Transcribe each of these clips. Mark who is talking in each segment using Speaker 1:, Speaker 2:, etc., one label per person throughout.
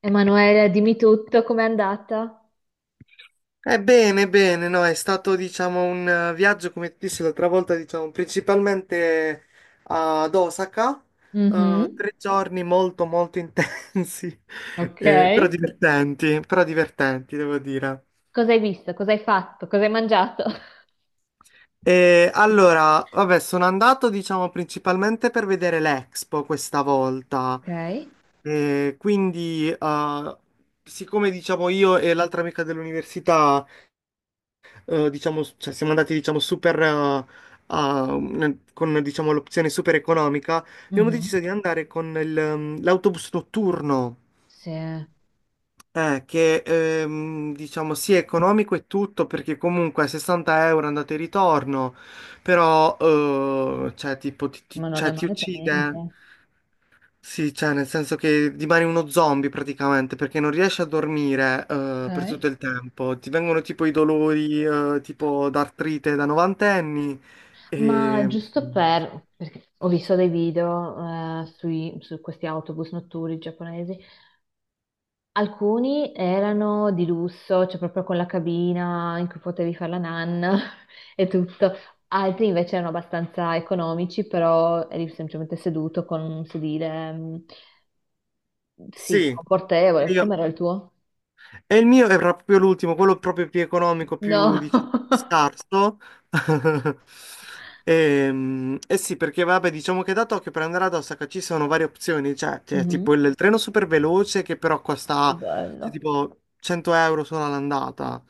Speaker 1: Emanuele, dimmi tutto, com'è andata?
Speaker 2: Bene, bene, no, è stato diciamo un viaggio, come ti dissi l'altra volta, diciamo, principalmente ad Osaka,
Speaker 1: Mhm.
Speaker 2: tre giorni molto molto intensi,
Speaker 1: Ok.
Speaker 2: però divertenti, devo dire.
Speaker 1: Cosa hai visto? Cosa hai fatto? Cosa hai mangiato?
Speaker 2: E allora, vabbè, sono andato diciamo principalmente per vedere l'Expo questa volta.
Speaker 1: Ok.
Speaker 2: Quindi, siccome diciamo io e l'altra amica dell'università diciamo, cioè siamo andati, diciamo, super, a- con, diciamo, l'opzione super economica, abbiamo deciso
Speaker 1: Mhm.
Speaker 2: di andare con l'autobus notturno,
Speaker 1: Sì, ma
Speaker 2: che, diciamo, sì, è economico e tutto, perché comunque 60 € andate e ritorno, però, cioè, tipo,
Speaker 1: non è
Speaker 2: cioè, ti
Speaker 1: male per
Speaker 2: uccide.
Speaker 1: niente.
Speaker 2: Sì, cioè, nel senso che rimani uno zombie praticamente perché non riesci a dormire per
Speaker 1: Ok.
Speaker 2: tutto il tempo. Ti vengono tipo i dolori tipo d'artrite da novantenni.
Speaker 1: Ma
Speaker 2: E...
Speaker 1: giusto per, perché ho visto dei video sui- su questi autobus notturni giapponesi. Alcuni erano di lusso, cioè proprio con la cabina in cui potevi fare la nanna e tutto. Altri invece erano abbastanza economici, però eri semplicemente seduto con un sedile, mm, sì,
Speaker 2: Sì. E
Speaker 1: confortevole.
Speaker 2: io.
Speaker 1: Com'era il tuo?
Speaker 2: E il mio era proprio l'ultimo, quello proprio più economico, più,
Speaker 1: No.
Speaker 2: diciamo, scarso. E, sì, perché vabbè, diciamo che da Tokyo per andare ad Osaka ci sono varie opzioni, cioè c'è
Speaker 1: Mhm.
Speaker 2: tipo il treno super veloce che però
Speaker 1: Che
Speaker 2: costa cioè,
Speaker 1: bello.
Speaker 2: tipo 100 € solo all'andata.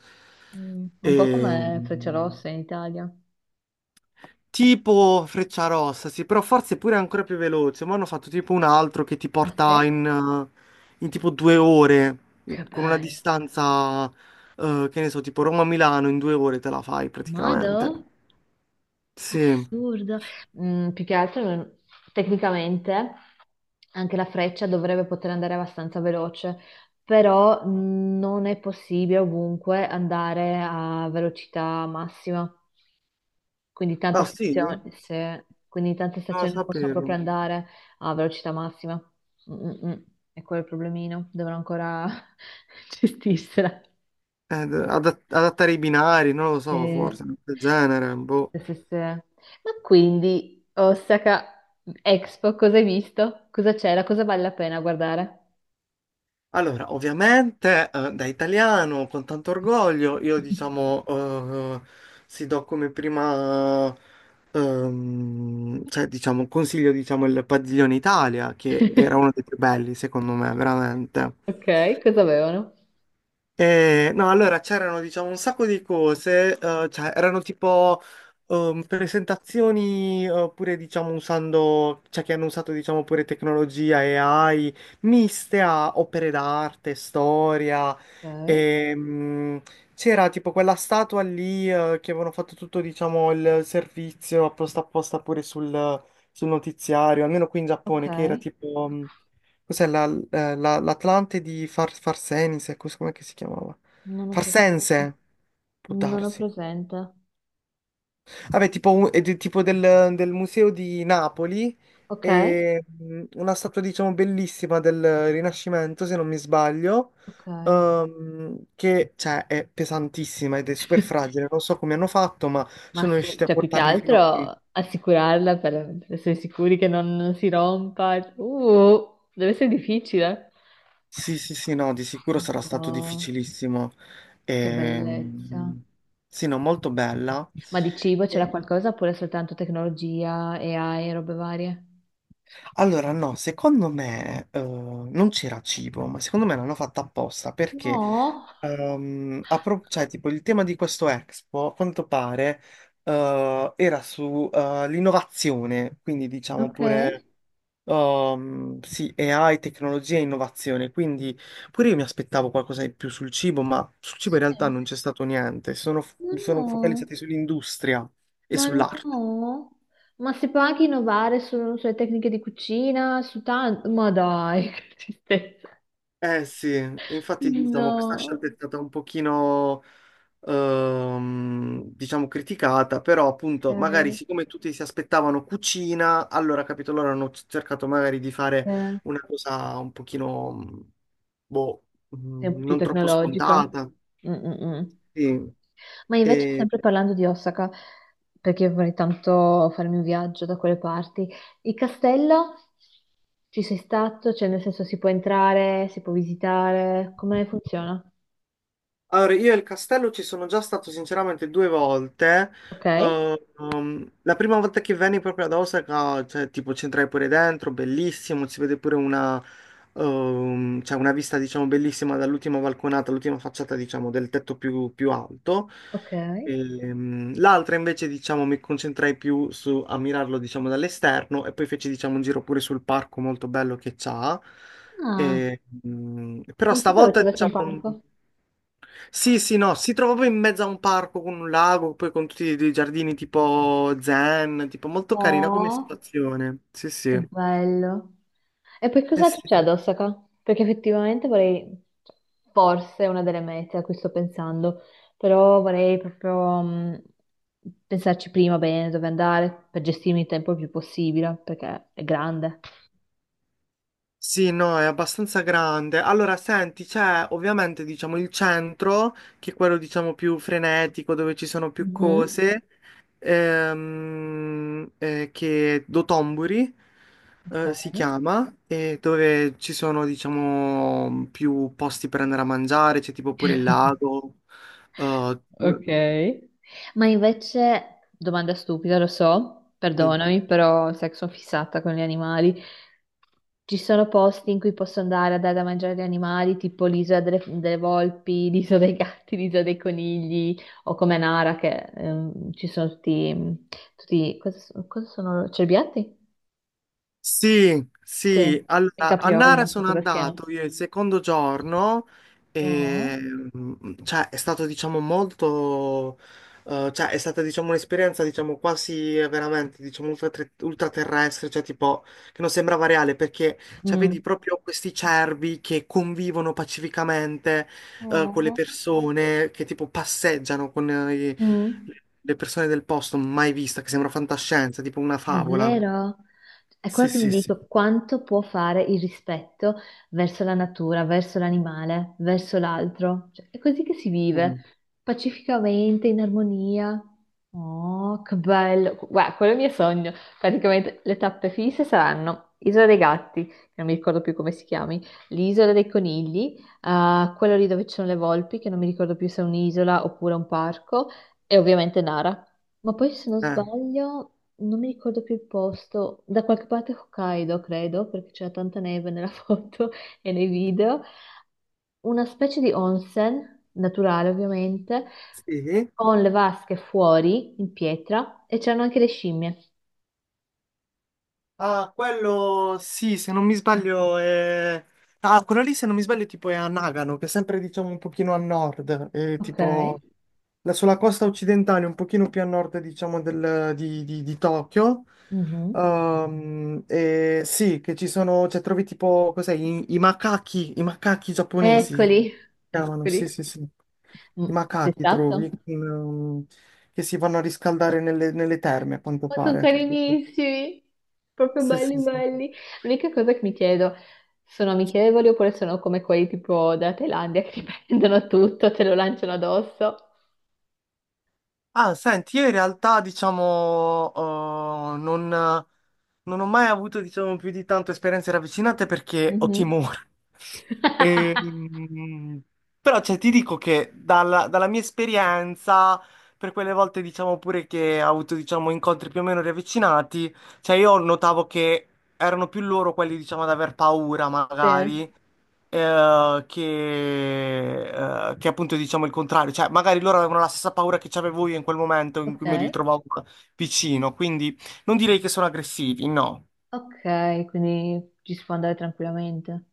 Speaker 1: Mm, un
Speaker 2: E,
Speaker 1: po' come Frecciarossa in Italia.
Speaker 2: Tipo Freccia Rossa, sì, però forse pure ancora più veloce. Ma hanno fatto tipo un altro che ti
Speaker 1: Ah
Speaker 2: porta
Speaker 1: sì?
Speaker 2: in tipo due ore,
Speaker 1: Che
Speaker 2: con una
Speaker 1: bello.
Speaker 2: distanza, che ne so, tipo Roma-Milano, in due ore te la fai praticamente.
Speaker 1: Mado?
Speaker 2: Sì.
Speaker 1: Assurdo. Mm, più che altro, non- tecnicamente, anche la freccia dovrebbe poter andare abbastanza veloce, però mm, non è possibile ovunque andare a velocità massima. Quindi tante
Speaker 2: Ah, sì? Non
Speaker 1: stazioni, se- quindi tante
Speaker 2: lo
Speaker 1: stazioni possono proprio
Speaker 2: sapevo.
Speaker 1: andare a velocità massima. Mm, mm, mm. E quello è il problemino, dovrò ancora gestirsela.
Speaker 2: Adattare i binari, non lo so,
Speaker 1: Sì,
Speaker 2: forse, del genere, boh.
Speaker 1: sì, sì, sì. Ma quindi, Osaka Expo, cosa hai visto? Cosa c'era? Cosa vale la pena guardare?
Speaker 2: Allora, ovviamente, da italiano, con tanto orgoglio, io diciamo, si do come prima, cioè, diciamo, consiglio, diciamo, il Padiglione Italia, che era uno dei più belli, secondo me, veramente.
Speaker 1: Ok, cosa avevano?
Speaker 2: No, allora c'erano diciamo un sacco di cose, cioè erano tipo presentazioni pure diciamo usando, cioè che hanno usato diciamo pure tecnologia e AI miste a opere d'arte, storia,
Speaker 1: Ok,
Speaker 2: ehm, c'era tipo quella statua lì che avevano fatto tutto diciamo il servizio apposta apposta pure sul notiziario, almeno qui in
Speaker 1: ok,
Speaker 2: Giappone che era tipo. Cos'è l'Atlante di Farsenise? Com'è che si chiamava?
Speaker 1: non ho pres- ah,
Speaker 2: Farsense? Può
Speaker 1: non ho
Speaker 2: darsi.
Speaker 1: presente.
Speaker 2: Vabbè, tipo, tipo del museo di Napoli,
Speaker 1: Ok,
Speaker 2: e una statua, diciamo, bellissima del Rinascimento, se non mi sbaglio,
Speaker 1: ok.
Speaker 2: che, cioè, è pesantissima ed è super fragile. Non so come hanno fatto, ma
Speaker 1: Ma
Speaker 2: sono
Speaker 1: su-
Speaker 2: riusciti a
Speaker 1: cioè, più che
Speaker 2: portarli fino a qui.
Speaker 1: altro assicurarla per essere sicuri che non si rompa. Deve essere difficile.
Speaker 2: Sì, sì, sì, no, di
Speaker 1: Oh,
Speaker 2: sicuro sarà stato
Speaker 1: Madonna.
Speaker 2: difficilissimo.
Speaker 1: Che bellezza.
Speaker 2: Ehm, sì, no, molto bella.
Speaker 1: Ma di cibo c'era
Speaker 2: E-
Speaker 1: qualcosa oppure soltanto tecnologia, AI e robe varie?
Speaker 2: allora, no, secondo me non c'era cibo, ma secondo me l'hanno fatta apposta perché,
Speaker 1: No,
Speaker 2: cioè, tipo, il tema di questo Expo, a quanto pare, era sull'innovazione, quindi diciamo
Speaker 1: ok.
Speaker 2: pure. Sì, AI, tecnologia e innovazione, quindi pure io mi aspettavo qualcosa di più sul cibo, ma sul cibo in realtà
Speaker 1: Sì.
Speaker 2: non c'è stato niente, sono,
Speaker 1: Ma no,
Speaker 2: sono focalizzati sull'industria e
Speaker 1: ma
Speaker 2: sull'arte.
Speaker 1: no. Ma si può anche innovare su- sulle tecniche di cucina, su tanto. Ma dai, che tristezza.
Speaker 2: Eh sì, infatti diciamo questa
Speaker 1: No.
Speaker 2: scelta è stata un pochino, diciamo, criticata, però appunto magari
Speaker 1: Ok.
Speaker 2: siccome tutti si aspettavano cucina, allora capito, loro hanno cercato magari di fare
Speaker 1: Eh.
Speaker 2: una cosa un pochino, boh,
Speaker 1: Sì, più
Speaker 2: non troppo
Speaker 1: tecnologica.
Speaker 2: scontata.
Speaker 1: Mm, mm, mm.
Speaker 2: Sì,
Speaker 1: Ma invece,
Speaker 2: e
Speaker 1: sempre parlando di Osaka, perché io vorrei tanto farmi un viaggio da quelle parti, il castello ci sei stato? Cioè, nel senso, si può entrare, si può visitare, come funziona?
Speaker 2: Allora, io e il castello ci sono già stato sinceramente due volte.
Speaker 1: Ok,
Speaker 2: La prima volta che venni proprio ad Osaka, cioè, tipo, ci entrai pure dentro, bellissimo, si vede pure una vista, diciamo, bellissima dall'ultima balconata, l'ultima facciata, diciamo, del tetto più alto.
Speaker 1: ok.
Speaker 2: L'altra invece, diciamo, mi concentrai più su a mirarlo, diciamo, dall'esterno e poi feci, diciamo, un giro pure sul parco molto bello che c'ha.
Speaker 1: Ah,
Speaker 2: Però
Speaker 1: non si sapevo ci
Speaker 2: stavolta,
Speaker 1: avesse un
Speaker 2: diciamo.
Speaker 1: parco.
Speaker 2: Sì, sì, no, si trova proprio in mezzo a un parco con un lago, poi con tutti i giardini tipo zen, tipo molto carina come
Speaker 1: Oh.
Speaker 2: situazione. Sì,
Speaker 1: Che
Speaker 2: sì.
Speaker 1: bello. E poi
Speaker 2: Eh
Speaker 1: cosa
Speaker 2: sì.
Speaker 1: c'è ad Osaka? Perché effettivamente vorrei, cioè, forse è una delle mete a cui sto pensando, però vorrei proprio pensarci prima bene dove andare per gestirmi il tempo il più possibile, perché è grande.
Speaker 2: Sì, no, è abbastanza grande. Allora, senti, c'è ovviamente, diciamo, il centro, che è quello, diciamo, più frenetico, dove ci sono più
Speaker 1: Mhm.
Speaker 2: cose, che è Dotomburi,
Speaker 1: Ok.
Speaker 2: si chiama, e dove ci sono, diciamo, più posti per andare a mangiare, c'è tipo pure il lago. Eh,
Speaker 1: Ok. Ma invece, domanda stupida, lo so,
Speaker 2: sì.
Speaker 1: perdonami, però sai che sono fissata con gli animali. Ci sono posti in cui posso andare a dare da mangiare agli animali, tipo l'isola delle, delle volpi, l'isola dei gatti, l'isola dei conigli, o come Nara, che ci sono tutti, tutti cosa, so- cosa sono? Cerbiatti?
Speaker 2: Sì,
Speaker 1: Sì,
Speaker 2: sì,
Speaker 1: i
Speaker 2: allora a
Speaker 1: caprioli,
Speaker 2: Nara
Speaker 1: non so
Speaker 2: sono
Speaker 1: cosa
Speaker 2: andato
Speaker 1: siano.
Speaker 2: io il secondo giorno e
Speaker 1: Oh.
Speaker 2: cioè, è stato diciamo molto, cioè, è stata diciamo un'esperienza diciamo quasi veramente diciamo ultraterrestre, cioè tipo che non sembrava reale perché cioè,
Speaker 1: Mm.
Speaker 2: vedi proprio questi cervi che convivono pacificamente con le
Speaker 1: Oh.
Speaker 2: persone, che tipo passeggiano con
Speaker 1: Mm.
Speaker 2: le persone del posto, mai vista, che sembra fantascienza, tipo una favola.
Speaker 1: Davvero? È quello
Speaker 2: Sì,
Speaker 1: che mi
Speaker 2: sì, sì.
Speaker 1: dico, quanto può fare il rispetto verso la natura, verso l'animale, verso l'altro? Cioè, è così che si vive,
Speaker 2: Mm.
Speaker 1: pacificamente, in armonia. Oh, che bello! Guarda, quello è il mio sogno. Praticamente le tappe fisse saranno Isola dei Gatti, che non mi ricordo più come si chiami, l'Isola dei Conigli, quello lì dove ci sono le volpi, che non mi ricordo più se è un'isola oppure un parco, e ovviamente Nara. Ma poi se non
Speaker 2: Ah,
Speaker 1: sbaglio non mi ricordo più il posto, da qualche parte Hokkaido, credo, perché c'era tanta neve nella foto e nei video, una specie di onsen, naturale ovviamente,
Speaker 2: sì?
Speaker 1: con le vasche fuori in pietra e c'erano anche le scimmie.
Speaker 2: Ah, quello sì, se non mi sbaglio è. Ah, quello lì se non mi sbaglio tipo è a Nagano, che è sempre diciamo un pochino a nord, è
Speaker 1: Ok.
Speaker 2: tipo sulla costa occidentale, un pochino più a nord diciamo di Tokyo.
Speaker 1: Mhm.
Speaker 2: E sì, che ci sono, cioè trovi tipo, cos'è, i macachi
Speaker 1: Ok.
Speaker 2: giapponesi, si
Speaker 1: Eccoli,
Speaker 2: chiamano, sì
Speaker 1: eccoli.
Speaker 2: sì sì, i
Speaker 1: Mm, sei
Speaker 2: macachi trovi,
Speaker 1: stato?
Speaker 2: che si vanno a riscaldare nelle terme a quanto
Speaker 1: Ma sono
Speaker 2: pare. Sì,
Speaker 1: carinissimi, proprio
Speaker 2: sì, sì.
Speaker 1: belli
Speaker 2: Sì, sì.
Speaker 1: belli. L'unica cosa che mi chiedo, sono amichevoli oppure sono come quelli tipo della Thailandia che ti prendono tutto, te lo lanciano addosso?
Speaker 2: Ah, senti, io in realtà, diciamo, non, ho mai avuto, diciamo, più di tanto esperienze ravvicinate perché ho
Speaker 1: Mhm.
Speaker 2: timore. E, mm, però, cioè, ti dico che dalla mia esperienza, per quelle volte, diciamo, pure che ho avuto, diciamo, incontri più o meno ravvicinati, cioè, io notavo che erano più loro quelli, diciamo, ad aver paura,
Speaker 1: Sì.
Speaker 2: magari, eh, che, che appunto diciamo il contrario, cioè magari loro avevano la stessa paura che c'avevo io in quel momento in cui mi
Speaker 1: Ok,
Speaker 2: ritrovavo vicino, quindi non direi che sono aggressivi, no.
Speaker 1: ok, quindi ci si può andare tranquillamente.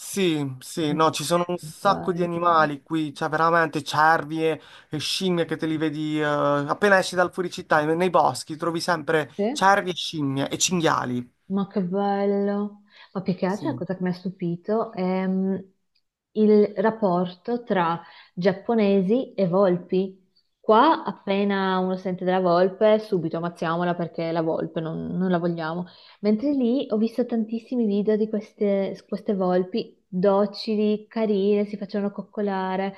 Speaker 2: Sì, sì, no,
Speaker 1: Ma
Speaker 2: ci sono un
Speaker 1: che
Speaker 2: sacco di
Speaker 1: bello.
Speaker 2: animali qui, cioè veramente cervi e scimmie che te li vedi appena esci dal fuoricittà, nei boschi trovi sempre
Speaker 1: Sì?
Speaker 2: cervi e scimmie e cinghiali.
Speaker 1: Ma che bello! Ma più che altro la
Speaker 2: Sì.
Speaker 1: cosa che mi ha stupito è mm, il rapporto tra giapponesi e volpi. Qua appena uno sente della volpe, subito ammazziamola perché è la volpe, non, non la vogliamo. Mentre lì ho visto tantissimi video di queste, queste volpi docili, carine, si facevano coccolare.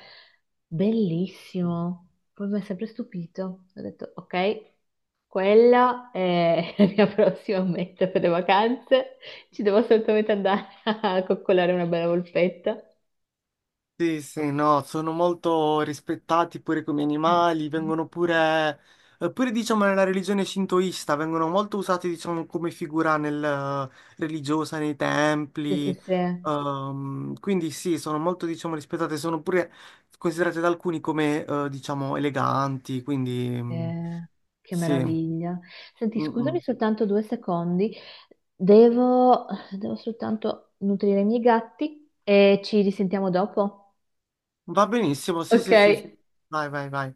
Speaker 1: Bellissimo! Poi mi ha sempre stupito. Ho detto, ok. Quella è la mia prossima meta per le vacanze. Ci devo assolutamente andare a coccolare una bella volpetta.
Speaker 2: Sì, sì, no, sono molto rispettati pure come animali, vengono pure diciamo nella religione shintoista, vengono molto usati diciamo come figura religiosa nei
Speaker 1: Sì, sì,
Speaker 2: templi.
Speaker 1: sì.
Speaker 2: Quindi sì, sono molto diciamo rispettate, sono pure considerate da alcuni come diciamo eleganti, quindi
Speaker 1: Eh, che
Speaker 2: sì,
Speaker 1: meraviglia. Senti,
Speaker 2: Mm,
Speaker 1: scusami
Speaker 2: mm.
Speaker 1: soltanto due secondi. Devo, devo soltanto nutrire i miei gatti e ci risentiamo dopo.
Speaker 2: Va benissimo, sì,
Speaker 1: Ok.
Speaker 2: sì, sì, vai, vai, vai.